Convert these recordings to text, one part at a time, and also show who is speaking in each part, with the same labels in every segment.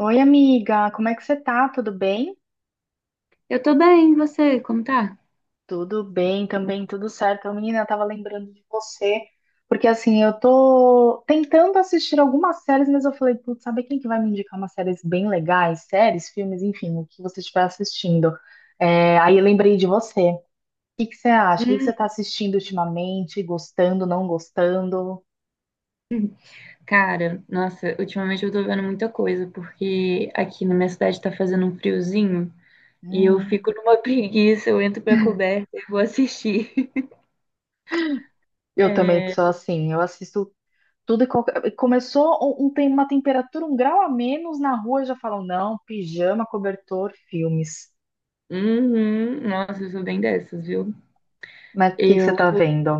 Speaker 1: Oi, amiga, como é que você tá? Tudo bem?
Speaker 2: Eu tô bem, e você? Como tá?
Speaker 1: Tudo bem também, tudo certo. Ô, menina, eu tava lembrando de você, porque assim, eu tô tentando assistir algumas séries, mas eu falei, putz, sabe quem que vai me indicar umas séries bem legais? Séries, filmes, enfim, o que você estiver assistindo. É, aí eu lembrei de você. O que que você acha? O que que
Speaker 2: Hum,
Speaker 1: você tá assistindo ultimamente? Gostando, não gostando?
Speaker 2: cara, nossa, ultimamente eu tô vendo muita coisa, porque aqui na minha cidade tá fazendo um friozinho e eu
Speaker 1: Hum,
Speaker 2: fico numa preguiça, eu entro pra coberta e vou assistir.
Speaker 1: eu também
Speaker 2: É,
Speaker 1: sou assim, eu assisto tudo e qualquer... Começou tem uma temperatura, um grau a menos na rua, já falam, não, pijama, cobertor, filmes.
Speaker 2: uhum, nossa, eu sou bem dessas, viu?
Speaker 1: Mas o que que você
Speaker 2: Eu,
Speaker 1: tá vendo?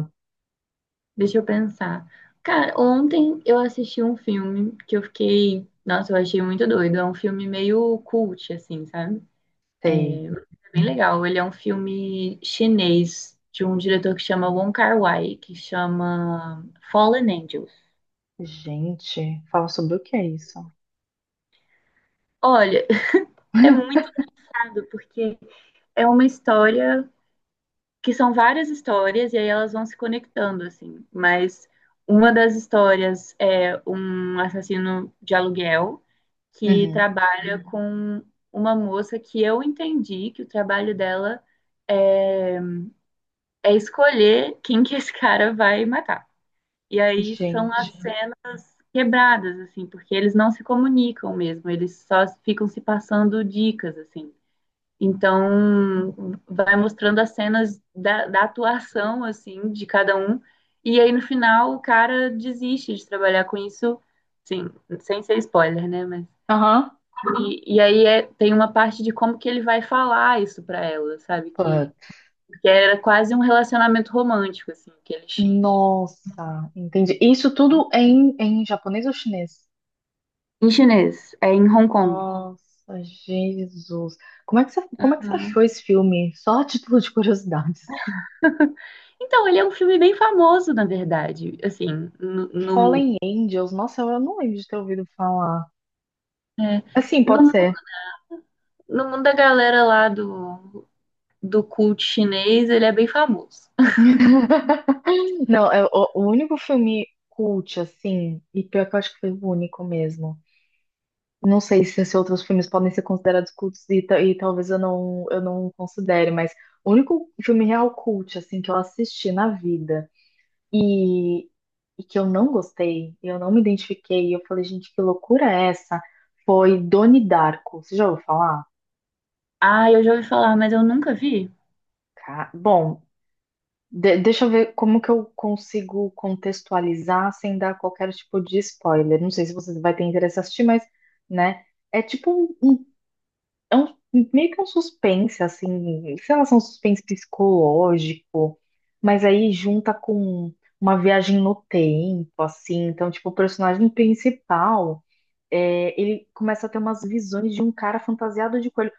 Speaker 2: deixa eu pensar. Cara, ontem eu assisti um filme que eu fiquei, nossa, eu achei muito doido. É um filme meio cult, assim, sabe?
Speaker 1: Sei.
Speaker 2: Bem legal. Ele é um filme chinês de um diretor que chama Wong Kar-wai, que chama Fallen Angels.
Speaker 1: Gente, fala sobre o que é isso?
Speaker 2: Olha, é muito irado porque é uma história que são várias histórias e aí elas vão se conectando assim, mas uma das histórias é um assassino de aluguel que
Speaker 1: Uhum.
Speaker 2: trabalha com uma moça que eu entendi que o trabalho dela é escolher quem que esse cara vai matar. E aí são
Speaker 1: Gente.
Speaker 2: as quebradas, assim, porque eles não se comunicam mesmo, eles só ficam se passando dicas, assim. Então, vai mostrando as cenas da atuação, assim, de cada um, e aí no final o cara desiste de trabalhar com isso, sim, sem ser spoiler, né, mas...
Speaker 1: Aham.
Speaker 2: E aí é, tem uma parte de como que ele vai falar isso pra ela, sabe,
Speaker 1: Put.
Speaker 2: que era quase um relacionamento romântico, assim, que eles tinham.
Speaker 1: Nossa, entendi. Isso tudo é em japonês ou chinês?
Speaker 2: Em chinês, é em Hong Kong.
Speaker 1: Nossa, Jesus. Como é que você, como é que você
Speaker 2: Uhum.
Speaker 1: achou esse filme? Só a título de curiosidade, assim.
Speaker 2: Então, ele é um filme bem famoso, na verdade. Assim, no, no,
Speaker 1: Fallen Angels. Nossa, eu não lembro de ter ouvido falar.
Speaker 2: é,
Speaker 1: Assim,
Speaker 2: no,
Speaker 1: pode
Speaker 2: mu-
Speaker 1: ser.
Speaker 2: no mundo da galera lá do, do culto chinês, ele é bem famoso.
Speaker 1: Não, é, o único filme cult, assim, e pior que eu acho que foi o único mesmo. Não sei se, se outros filmes podem ser considerados cultos e, e talvez eu não considere, mas o único filme real cult, assim, que eu assisti na vida e, e que eu não gostei, eu não me identifiquei, e eu falei, gente, que loucura é essa? Foi Doni Darko. Você já ouviu falar?
Speaker 2: Ah, eu já ouvi falar, mas eu nunca vi.
Speaker 1: Bom, deixa eu ver como que eu consigo contextualizar sem dar qualquer tipo de spoiler. Não sei se você vai ter interesse em assistir, mas, né? É tipo um, um, é um- meio que um suspense, assim, sei lá, um suspense psicológico, mas aí junta com uma viagem no tempo, assim. Então, tipo, o personagem principal, é, ele começa a ter umas visões de um cara fantasiado de coelho,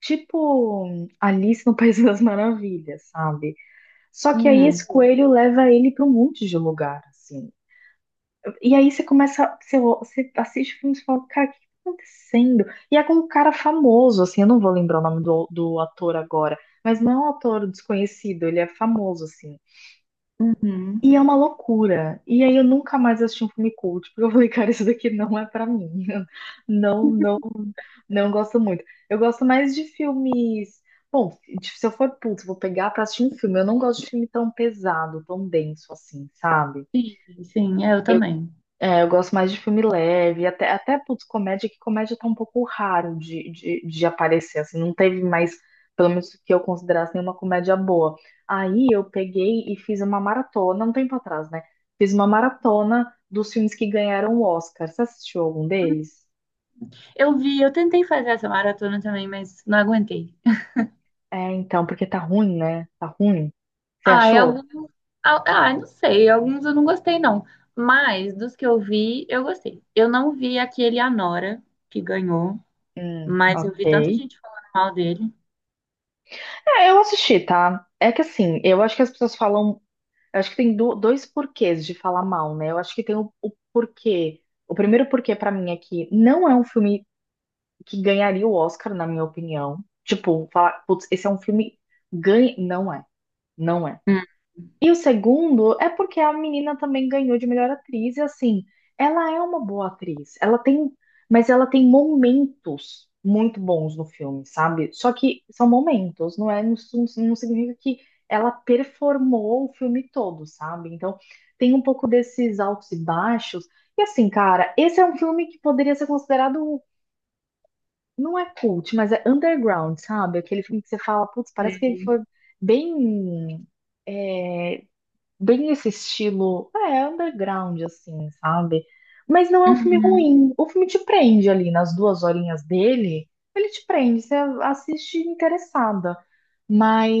Speaker 1: tipo Alice no País das Maravilhas, sabe? Só que aí esse
Speaker 2: Hum,
Speaker 1: coelho leva ele para um monte de lugar, assim. E aí você começa, você assiste o filme e fala, cara, o que tá acontecendo? E é com um cara famoso, assim, eu não vou lembrar o nome do ator agora, mas não é um ator desconhecido, ele é famoso, assim.
Speaker 2: uhum.
Speaker 1: E é uma loucura. E aí eu nunca mais assisti um filme cult, porque eu falei, cara, isso daqui não é pra mim. Não, não, não gosto muito. Eu gosto mais de filmes tipo, se eu for, putz, vou pegar pra assistir um filme. Eu não gosto de filme tão pesado, tão denso assim, sabe?
Speaker 2: Sim, sim, é, eu também.
Speaker 1: É, eu gosto mais de filme leve, até, até putz, comédia, que comédia tá um pouco raro de, de aparecer, assim, não teve mais, pelo menos que eu considerasse nenhuma comédia boa. Aí eu peguei e fiz uma maratona, um tempo atrás, né? Fiz uma maratona dos filmes que ganharam o Oscar. Você assistiu algum deles?
Speaker 2: Eu vi, eu tentei fazer essa maratona também, mas não aguentei.
Speaker 1: É, então, porque tá ruim, né? Tá ruim. Você
Speaker 2: Ah, e
Speaker 1: achou?
Speaker 2: alguns. Ah, não sei, alguns eu não gostei, não. Mas dos que eu vi, eu gostei. Eu não vi aquele Anora que ganhou. Mas eu
Speaker 1: Ok.
Speaker 2: vi tanta gente falando mal dele.
Speaker 1: É, eu assisti, tá? É que assim, eu acho que as pessoas falam. Eu acho que tem dois porquês de falar mal, né? Eu acho que tem o porquê. O primeiro porquê pra mim é que não é um filme que ganharia o Oscar, na minha opinião. Tipo, falar, putz, esse é um filme. Ganha... Não é. Não é.
Speaker 2: Hum,
Speaker 1: E o segundo é porque a menina também ganhou de melhor atriz, e assim, ela é uma boa atriz. Ela tem, mas ela tem momentos muito bons no filme, sabe? Só que são momentos, não é? Não, não significa que ela performou o filme todo, sabe? Então, tem um pouco desses altos e baixos. E assim, cara, esse é um filme que poderia ser considerado, não é cult, mas é underground, sabe? Aquele filme que você fala, putz, parece que ele
Speaker 2: sei.
Speaker 1: foi bem é, bem esse estilo, é, underground, assim, sabe? Mas não é um filme
Speaker 2: Uhum,
Speaker 1: ruim. O filme te prende ali nas duas horinhas dele, ele te prende, você assiste interessada,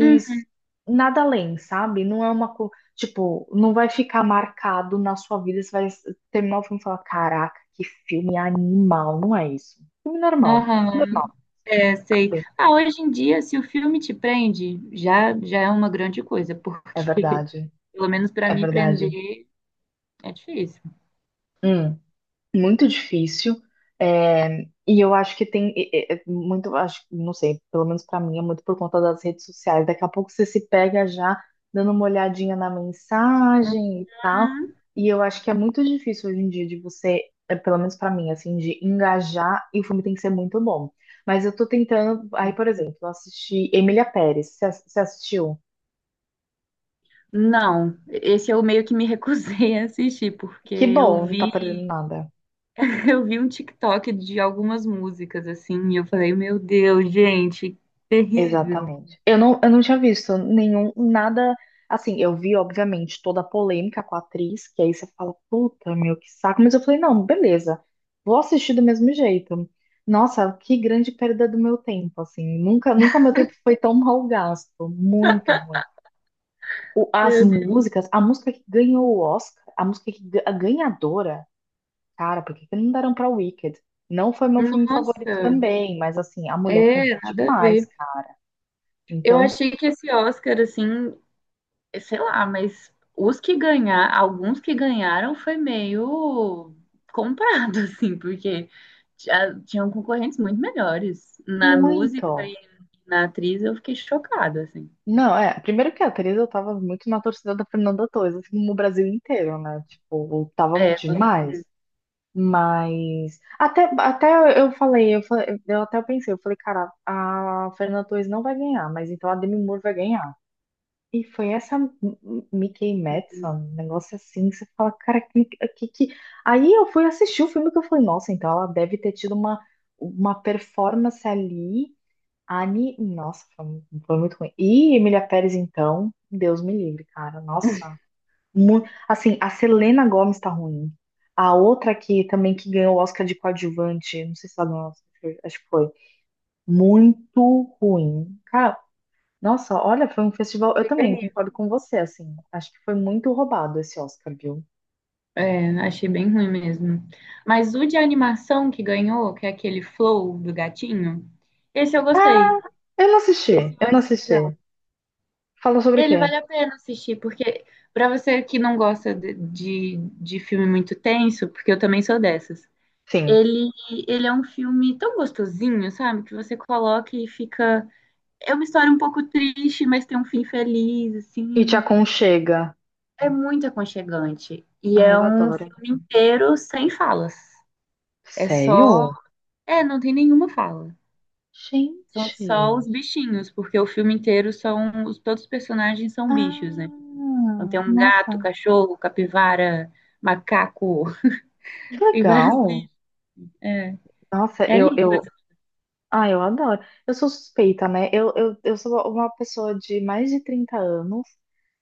Speaker 2: uhum,
Speaker 1: nada além, sabe? Não é uma, tipo, não vai ficar marcado na sua vida, você vai terminar o filme e falar, caraca, que filme animal, não é isso. Filme normal,
Speaker 2: aham,
Speaker 1: normal,
Speaker 2: é, sei.
Speaker 1: sim.
Speaker 2: Ah, hoje em dia, se o filme te prende, já é uma grande coisa,
Speaker 1: É
Speaker 2: porque,
Speaker 1: verdade,
Speaker 2: pelo menos para
Speaker 1: é
Speaker 2: mim,
Speaker 1: verdade.
Speaker 2: prender é difícil.
Speaker 1: Hum. Muito difícil. É, e eu acho que tem é, é, muito, acho, não sei, pelo menos pra mim é muito por conta das redes sociais. Daqui a pouco você se pega já dando uma olhadinha na mensagem e tal.
Speaker 2: Hum.
Speaker 1: E eu acho que é muito difícil hoje em dia de você, é, pelo menos pra mim, assim, de engajar e o filme tem que ser muito bom. Mas eu tô tentando, aí, por exemplo, eu assisti Emília Pérez, você assistiu?
Speaker 2: Não, esse eu meio que me recusei a assistir, porque
Speaker 1: Que
Speaker 2: eu
Speaker 1: bom, não tá
Speaker 2: vi,
Speaker 1: perdendo nada.
Speaker 2: eu vi um TikTok de algumas músicas, assim, e eu falei, meu Deus, gente, terrível.
Speaker 1: Exatamente. Eu não tinha visto nenhum, nada. Assim, eu vi, obviamente, toda a polêmica com a atriz, que aí você fala, puta, meu, que saco. Mas eu falei, não, beleza, vou assistir do mesmo jeito. Nossa, que grande perda do meu tempo, assim. Nunca, nunca meu tempo foi tão mal gasto. Muito ruim. As
Speaker 2: Meu Deus.
Speaker 1: músicas, a música que ganhou o Oscar, a música que, a ganhadora, cara, por que que não deram pra Wicked? Não foi meu filme
Speaker 2: Nossa,
Speaker 1: favorito também, mas assim, a mulher
Speaker 2: é,
Speaker 1: canta
Speaker 2: nada a
Speaker 1: demais,
Speaker 2: ver.
Speaker 1: cara.
Speaker 2: Eu
Speaker 1: Então,
Speaker 2: achei que esse Oscar, assim, sei lá, mas os que ganhar, alguns que ganharam foi meio comprado, assim, porque já tinham concorrentes muito melhores. Na música e
Speaker 1: muito.
Speaker 2: na atriz eu fiquei chocada, assim.
Speaker 1: Não, é. Primeiro que a Teresa, eu tava muito na torcida da Fernanda Torres, assim como o Brasil inteiro, né? Tipo, tava sim,
Speaker 2: É, com
Speaker 1: demais.
Speaker 2: certeza.
Speaker 1: Mas até, até eu falei, eu falei, eu até pensei, eu falei, cara, a Fernanda Torres não vai ganhar, mas então a Demi Moore vai ganhar. E foi essa Mickey Madison, um negócio assim, que você fala, cara, que... Aí eu fui assistir o filme que eu falei, nossa, então ela deve ter tido uma performance ali Ani, nossa, foi, foi muito ruim. E Emília Pérez, então, Deus me livre, cara. Nossa, assim, a Selena Gomez tá ruim. A outra que também que ganhou o Oscar de coadjuvante, não sei se ela ganhou, o Oscar, acho que foi. Muito ruim. Cara, nossa, olha, foi um festival. Eu também concordo com você, assim. Acho que foi muito roubado esse Oscar, viu?
Speaker 2: É, achei bem ruim mesmo. Mas o de animação que ganhou, que é aquele Flow do gatinho, esse eu gostei.
Speaker 1: Eu não assisti,
Speaker 2: Esse eu
Speaker 1: eu não
Speaker 2: achei legal.
Speaker 1: assisti. Fala sobre o
Speaker 2: Ele
Speaker 1: quê?
Speaker 2: vale a pena assistir, porque pra você que não gosta de filme muito tenso, porque eu também sou dessas,
Speaker 1: Sim.
Speaker 2: ele, ele é um filme tão gostosinho, sabe? Que você coloca e fica. É uma história um pouco triste, mas tem um fim feliz,
Speaker 1: E te
Speaker 2: assim.
Speaker 1: aconchega.
Speaker 2: É muito aconchegante. E
Speaker 1: Ai,
Speaker 2: é
Speaker 1: eu
Speaker 2: um
Speaker 1: adoro.
Speaker 2: filme inteiro sem falas. É só.
Speaker 1: Sério?
Speaker 2: É, não tem nenhuma fala. São só
Speaker 1: Gente.
Speaker 2: os bichinhos, porque o filme inteiro todos os personagens são bichos, né?
Speaker 1: Ah,
Speaker 2: Então tem um gato,
Speaker 1: nossa,
Speaker 2: cachorro, capivara, macaco,
Speaker 1: que
Speaker 2: tem várias.
Speaker 1: legal.
Speaker 2: É,
Speaker 1: Nossa,
Speaker 2: é
Speaker 1: eu,
Speaker 2: lindo.
Speaker 1: eu, ah, eu adoro. Eu sou suspeita, né? Eu sou uma pessoa de mais de 30 anos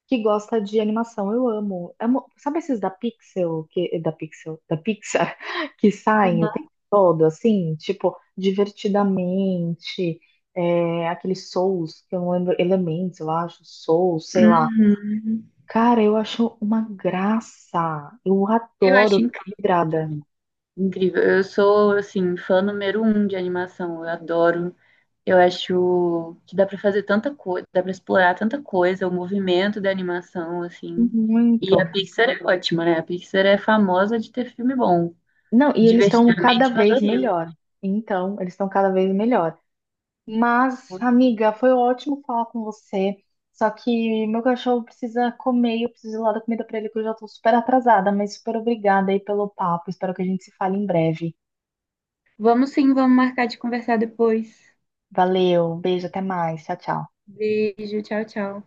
Speaker 1: que gosta de animação. Eu amo. Sabe esses da Pixel, da Pixel, da Pixar, que saem o
Speaker 2: Uhum.
Speaker 1: tempo todo, assim, tipo, divertidamente, é, aquele Souls, que eu não lembro, Elementos, eu acho, Souls, sei lá.
Speaker 2: Uhum.
Speaker 1: Cara, eu acho uma graça. Eu
Speaker 2: Eu
Speaker 1: adoro,
Speaker 2: acho
Speaker 1: fico
Speaker 2: incrível
Speaker 1: vidrada.
Speaker 2: também. Incrível. Eu sou, assim, fã número um de animação. Eu adoro. Eu acho que dá pra fazer tanta coisa, dá pra explorar tanta coisa, o movimento da animação, assim. E
Speaker 1: Muito.
Speaker 2: a Pixar é ótima, né? A Pixar é famosa de ter filme bom.
Speaker 1: Não, e eles estão cada
Speaker 2: Divertidamente, eu
Speaker 1: vez
Speaker 2: adorei.
Speaker 1: melhor. Então, eles estão cada vez melhor. Mas, amiga, foi ótimo falar com você. Só que meu cachorro precisa comer e eu preciso ir lá dar comida para ele, que eu já tô super atrasada, mas super obrigada aí pelo papo. Espero que a gente se fale em breve.
Speaker 2: Vamos sim, vamos marcar de conversar depois.
Speaker 1: Valeu, beijo, até mais. Tchau, tchau.
Speaker 2: Beijo, tchau, tchau.